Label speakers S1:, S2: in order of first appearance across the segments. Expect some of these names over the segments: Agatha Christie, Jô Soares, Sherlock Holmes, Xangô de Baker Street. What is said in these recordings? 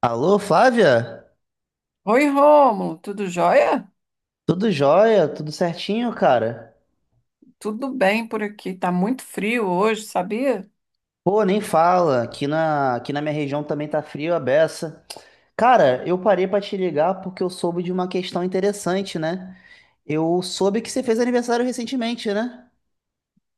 S1: Alô, Flávia?
S2: Oi, Rômulo, tudo jóia?
S1: Tudo jóia? Tudo certinho, cara?
S2: Tudo bem por aqui, tá muito frio hoje, sabia?
S1: Pô, nem fala. Aqui na minha região também tá frio a beça. Cara, eu parei pra te ligar porque eu soube de uma questão interessante, né? Eu soube que você fez aniversário recentemente, né?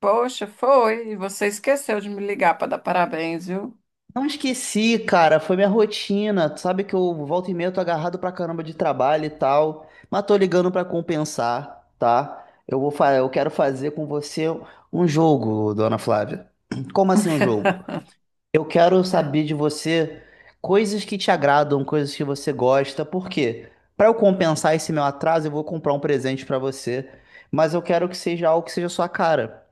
S2: Poxa, foi, e você esqueceu de me ligar para dar parabéns, viu?
S1: Não esqueci, cara, foi minha rotina. Tu sabe que eu volta e meia tô agarrado pra caramba de trabalho e tal, mas tô ligando pra compensar, tá? Eu quero fazer com você um jogo, dona Flávia. Como assim um jogo? Eu quero saber de você coisas que te agradam, coisas que você gosta. Por quê? Para eu compensar esse meu atraso, eu vou comprar um presente para você, mas eu quero que seja algo que seja a sua cara,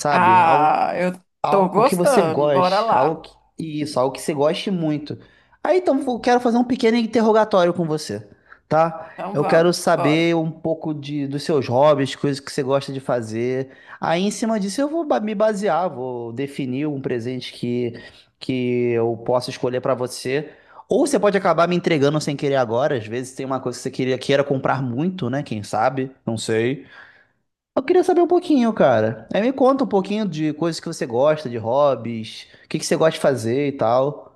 S1: sabe?
S2: Ah, eu tô
S1: Algo que você
S2: gostando, bora
S1: goste,
S2: lá.
S1: algo que você goste muito. Aí então eu quero fazer um pequeno interrogatório com você, tá?
S2: Então
S1: Eu
S2: vamos,
S1: quero
S2: bora.
S1: saber um dos seus hobbies, coisas que você gosta de fazer. Aí em cima disso me basear, vou definir um presente que eu possa escolher pra você. Ou você pode acabar me entregando sem querer agora, às vezes tem uma coisa que você queria, queira comprar muito, né? Quem sabe? Não sei. Eu queria saber um pouquinho, cara. Aí me conta um pouquinho de coisas que você gosta, de hobbies, o que que você gosta de fazer e tal.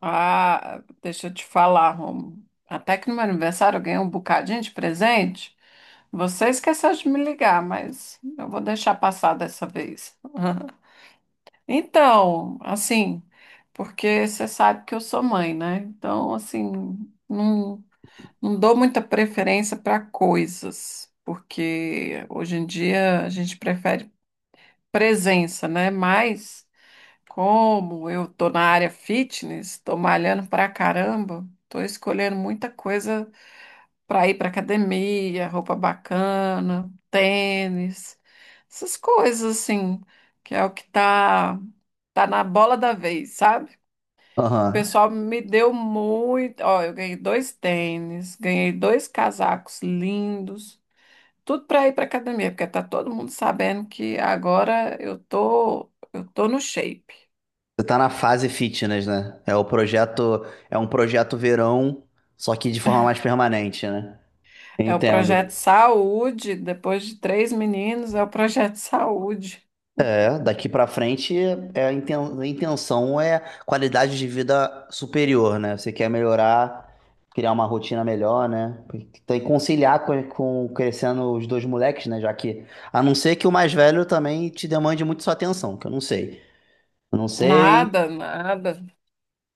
S2: Ah, deixa eu te falar, Rômulo. Até que no meu aniversário eu ganhei um bocadinho de presente. Você esqueceu de me ligar, mas eu vou deixar passar dessa vez. Então, assim, porque você sabe que eu sou mãe, né? Então, assim, não, não dou muita preferência para coisas, porque hoje em dia a gente prefere presença, né? Mas, como eu tô na área fitness, tô malhando pra caramba, tô escolhendo muita coisa para ir para academia, roupa bacana, tênis, essas coisas assim, que é o que tá na bola da vez, sabe? O
S1: Aham.
S2: pessoal me deu muito, ó, eu ganhei dois tênis, ganhei dois casacos lindos, tudo para ir para academia, porque tá todo mundo sabendo que agora eu tô no shape.
S1: Você tá na fase fitness, né? É um projeto verão, só que de forma mais permanente, né?
S2: É o projeto
S1: Entendo.
S2: Saúde, depois de três meninos, é o projeto Saúde.
S1: Daqui pra frente, a intenção é qualidade de vida superior, né? Você quer melhorar, criar uma rotina melhor, né? Tem que conciliar com crescendo os dois moleques, né? Já que, a não ser que o mais velho também te demande muito sua atenção, que eu não sei. Eu não sei,
S2: Nada, nada.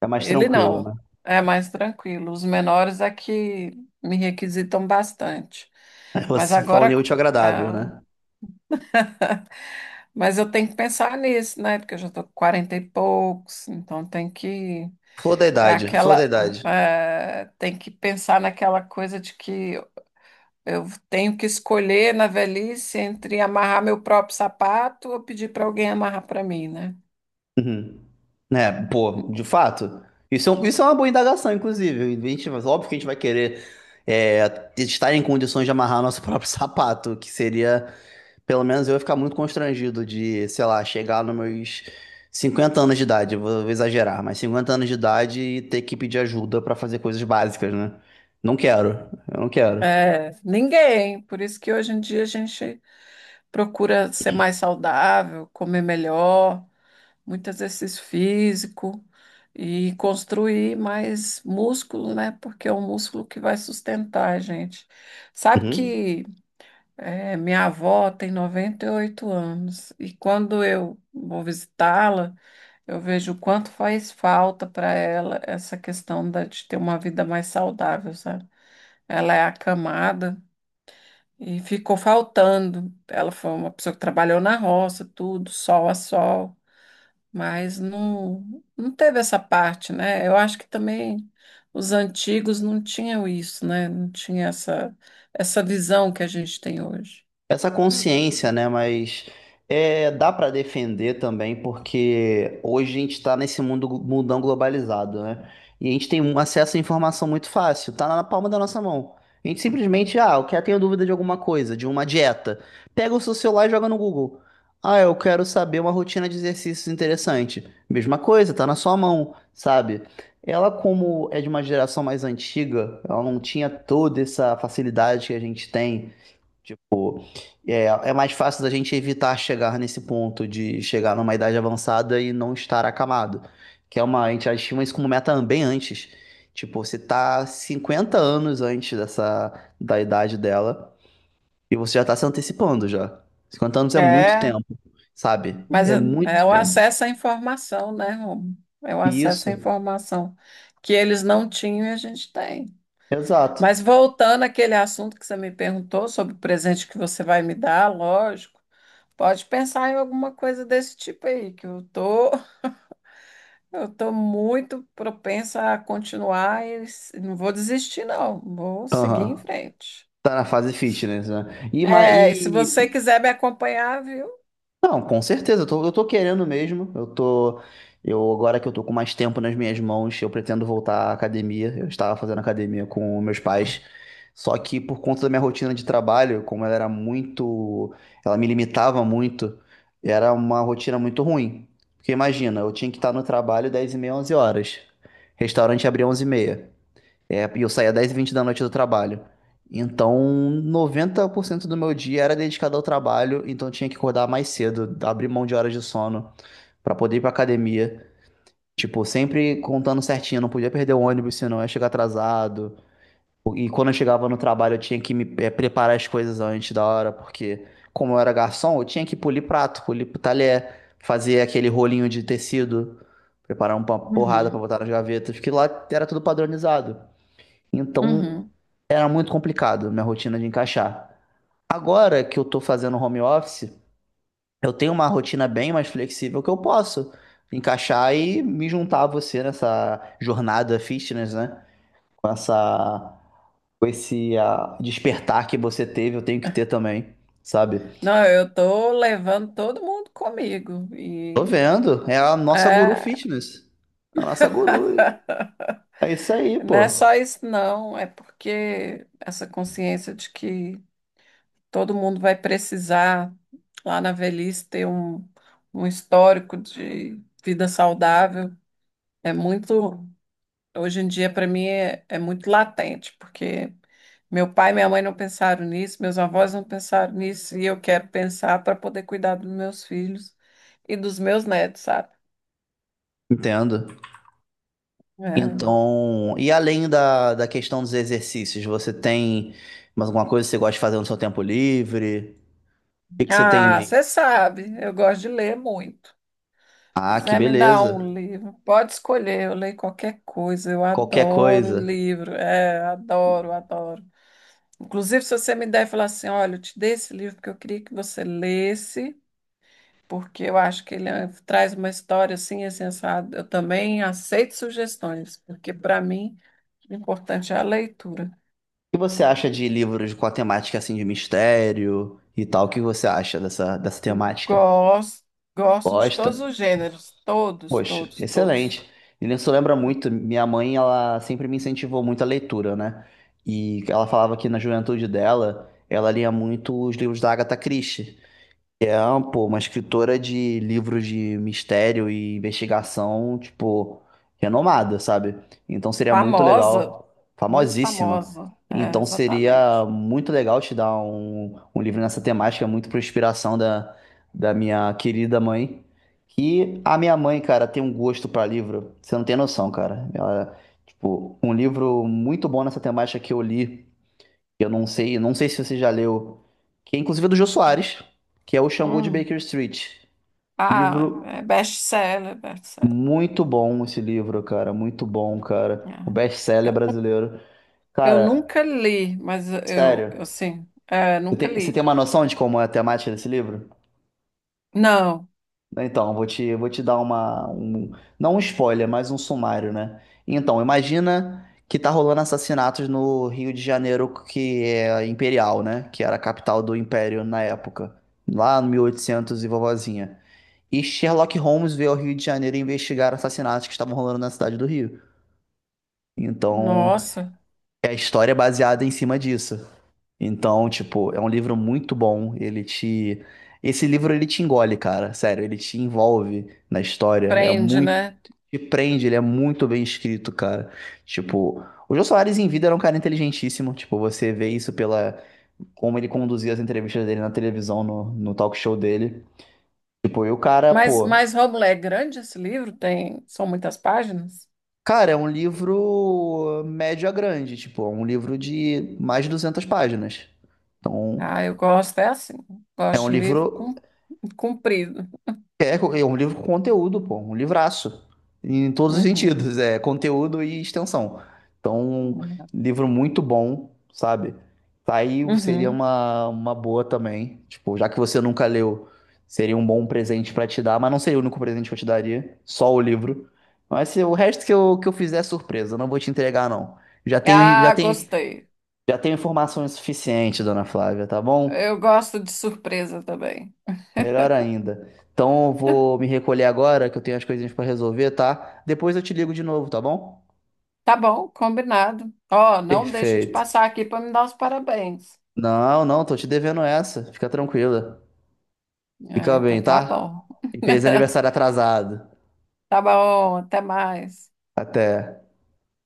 S1: é mais
S2: Ele
S1: tranquilo, né?
S2: não. É mais tranquilo. Os menores é que me requisitam bastante. Mas
S1: você se um
S2: agora,
S1: útil e agradável,
S2: ah,
S1: né?
S2: mas eu tenho que pensar nisso, né? Porque eu já estou com 40 e poucos, então tem que
S1: Flor da
S2: é
S1: idade, flor da
S2: aquela
S1: idade.
S2: eh, tem que pensar naquela coisa de que eu tenho que escolher na velhice entre amarrar meu próprio sapato ou pedir para alguém amarrar para mim, né?
S1: Uhum. É, pô, de fato. Isso é uma boa indagação, inclusive. A gente, óbvio que a gente vai querer estar em condições de amarrar nosso próprio sapato, que seria, pelo menos eu ia ficar muito constrangido de, sei lá, chegar nos meus 50 anos de idade, eu vou exagerar, mas 50 anos de idade e ter que pedir ajuda pra fazer coisas básicas, né? Não quero, eu não quero.
S2: É, ninguém. Por isso que hoje em dia a gente procura ser mais saudável, comer melhor, muito exercício físico e construir mais músculo, né? Porque é o músculo que vai sustentar a gente. Sabe que minha avó tem 98 anos e quando eu vou visitá-la, eu vejo o quanto faz falta para ela essa questão de ter uma vida mais saudável, sabe? Ela é acamada. E ficou faltando. Ela foi uma pessoa que trabalhou na roça, tudo, sol a sol, mas não teve essa parte, né? Eu acho que também os antigos não tinham isso, né? Não tinha essa visão que a gente tem hoje.
S1: Essa consciência, né? Mas é, dá para defender também, porque hoje a gente está nesse mundo mundão globalizado, né? E a gente tem um acesso à informação muito fácil, tá na palma da nossa mão. A gente simplesmente, ah, eu quero, tenho dúvida de alguma coisa, de uma dieta. Pega o seu celular e joga no Google. Ah, eu quero saber uma rotina de exercícios interessante. Mesma coisa, tá na sua mão, sabe? Ela, como é de uma geração mais antiga, ela não tinha toda essa facilidade que a gente tem. É, é mais fácil da gente evitar chegar nesse ponto de chegar numa idade avançada e não estar acamado. Que é uma, a gente estima isso como meta bem antes. Tipo, você tá 50 anos antes dessa, da idade dela e você já tá se antecipando já. 50 anos é muito
S2: É,
S1: tempo, sabe?
S2: mas
S1: É
S2: é
S1: muito
S2: é o
S1: tempo.
S2: acesso à informação, né, Romo? É o
S1: E
S2: acesso
S1: isso,
S2: à informação que eles não tinham e a gente tem.
S1: exato.
S2: Mas voltando àquele assunto que você me perguntou sobre o presente que você vai me dar, lógico. Pode pensar em alguma coisa desse tipo aí, que eu tô muito propensa a continuar e não vou desistir, não. Vou seguir em
S1: Aham.
S2: frente.
S1: Tá na fase fitness, né?
S2: É, e se você quiser me acompanhar, viu?
S1: Não, com certeza, eu tô querendo mesmo. Eu agora que eu tô com mais tempo nas minhas mãos, eu pretendo voltar à academia. Eu estava fazendo academia com meus pais, só que por conta da minha rotina de trabalho, como ela era muito, ela me limitava muito, era uma rotina muito ruim. Porque imagina, eu tinha que estar no trabalho 10:30, 11 horas. Restaurante abria 11:30. É, e eu saía 10:20 da noite do trabalho. Então, 90% do meu dia era dedicado ao trabalho, então eu tinha que acordar mais cedo, abrir mão de horas de sono pra poder ir pra academia. Tipo, sempre contando certinho, não podia perder o ônibus, senão eu ia chegar atrasado. E quando eu chegava no trabalho, eu tinha que me preparar as coisas antes da hora, porque como eu era garçom, eu tinha que polir prato, polir talher, fazer aquele rolinho de tecido, preparar uma porrada pra
S2: Uhum,
S1: botar nas gavetas, que lá era tudo padronizado. Então
S2: uhum.
S1: era muito complicado minha rotina de encaixar. Agora que eu tô fazendo home office, eu tenho uma rotina bem mais flexível que eu posso encaixar e me juntar a você nessa jornada fitness, né? Com essa, com esse despertar que você teve, eu tenho que ter também, sabe?
S2: Não, eu tô levando todo mundo comigo
S1: Tô vendo, é a nossa guru
S2: é,
S1: fitness. É a nossa guru. É isso aí,
S2: não é
S1: pô.
S2: só isso, não. É porque essa consciência de que todo mundo vai precisar, lá na velhice, ter um histórico de vida saudável. É muito, hoje em dia, para mim, é muito latente, porque meu pai e minha mãe não pensaram nisso, meus avós não pensaram nisso, e eu quero pensar para poder cuidar dos meus filhos e dos meus netos, sabe?
S1: Entendo.
S2: É.
S1: Então, e além da questão dos exercícios, você tem mais alguma coisa que você gosta de fazer no seu tempo livre? O que que você tem em
S2: Ah,
S1: mente?
S2: você sabe, eu gosto de ler muito.
S1: Ah, que
S2: Quiser me dar
S1: beleza.
S2: um livro, pode escolher, eu leio qualquer coisa, eu
S1: Qualquer
S2: adoro
S1: coisa.
S2: livro, é, adoro, adoro. Inclusive, se você me der e falar assim, olha, eu te dei esse livro porque eu queria que você lesse, porque eu acho que ele traz uma história assim, assim, assado, eu também aceito sugestões, porque para mim o importante é a leitura.
S1: O que você acha de livros com a temática assim de mistério e tal? O que você acha dessa temática?
S2: Gosto, gosto de todos
S1: Gosta?
S2: os gêneros, todos,
S1: Poxa,
S2: todos, todos.
S1: excelente. E isso lembra muito, minha mãe, ela sempre me incentivou muito a leitura, né? E ela falava que na juventude dela, ela lia muito os livros da Agatha Christie. É, pô, uma escritora de livros de mistério e investigação, tipo, renomada, sabe? Então seria muito
S2: Famosa,
S1: legal,
S2: muito
S1: famosíssima.
S2: famosa, é,
S1: Então seria
S2: exatamente.
S1: muito legal te dar um livro nessa temática, muito por inspiração da minha querida mãe. Que a minha mãe, cara, tem um gosto pra livro, você não tem noção, cara. Ela, tipo, um livro muito bom nessa temática que eu li. Eu não sei, não sei se você já leu, que é inclusive é do Jô Soares, que é o Xangô de
S2: Hum.
S1: Baker Street.
S2: Ah,
S1: Livro
S2: é best-seller, best-seller.
S1: muito bom esse livro, cara, muito bom, cara. O
S2: Aham.
S1: best-seller
S2: Eu,
S1: brasileiro.
S2: eu
S1: Cara,
S2: nunca li, mas eu,
S1: sério,
S2: eu sim, é,
S1: você
S2: nunca
S1: tem, você tem
S2: li.
S1: uma noção de como é a temática desse livro?
S2: Não,
S1: Então, vou te dar não um spoiler, mas um sumário, né? Então, imagina que tá rolando assassinatos no Rio de Janeiro, que é imperial, né? Que era a capital do império na época, lá no 1800 e oitocentos e vovozinha. E Sherlock Holmes veio ao Rio de Janeiro investigar assassinatos que estavam rolando na cidade do Rio. Então,
S2: nossa,
S1: é a história é baseada em cima disso. Então, tipo, é um livro muito bom. Ele te. Esse livro ele te engole, cara. Sério, ele te envolve na história. É
S2: prende,
S1: muito.
S2: né?
S1: Te prende, ele é muito bem escrito, cara. Tipo, o Jô Soares em vida era um cara inteligentíssimo. Tipo, você vê isso pela. Como ele conduzia as entrevistas dele na televisão, no talk show dele. Tipo, e o cara,
S2: Mas,
S1: pô.
S2: mas Rômulo, é grande esse livro? São muitas páginas?
S1: Cara, é um livro médio a grande. Tipo, é um livro de mais de 200 páginas. Então,
S2: Ah, eu gosto, é assim,
S1: é
S2: gosto
S1: um
S2: de
S1: livro.
S2: livro comprido.
S1: É um livro com conteúdo, pô, um livraço, em todos os
S2: Uhum.
S1: sentidos, é conteúdo e extensão. Então, um livro muito bom, sabe? Tá Aí seria
S2: Uhum.
S1: uma boa também, tipo, já que você nunca leu, seria um bom presente pra te dar, mas não seria o único presente que eu te daria, só o livro. Mas se o resto que eu fizer é surpresa, eu não vou te entregar, não. Já tenho, já
S2: Ah,
S1: tenho,
S2: gostei.
S1: já tenho informações suficientes, dona Flávia, tá bom?
S2: Eu gosto de surpresa também.
S1: Melhor ainda. Então eu vou me recolher agora, que eu tenho as coisinhas pra resolver, tá? Depois eu te ligo de novo, tá bom?
S2: Tá bom, combinado. Ó, não deixa de
S1: Perfeito.
S2: passar aqui para me dar os parabéns.
S1: Não, não, tô te devendo essa. Fica tranquila.
S2: Ah,
S1: Fica
S2: então
S1: bem,
S2: tá
S1: tá?
S2: bom.
S1: E fez aniversário atrasado.
S2: Tá bom, até mais.
S1: Até.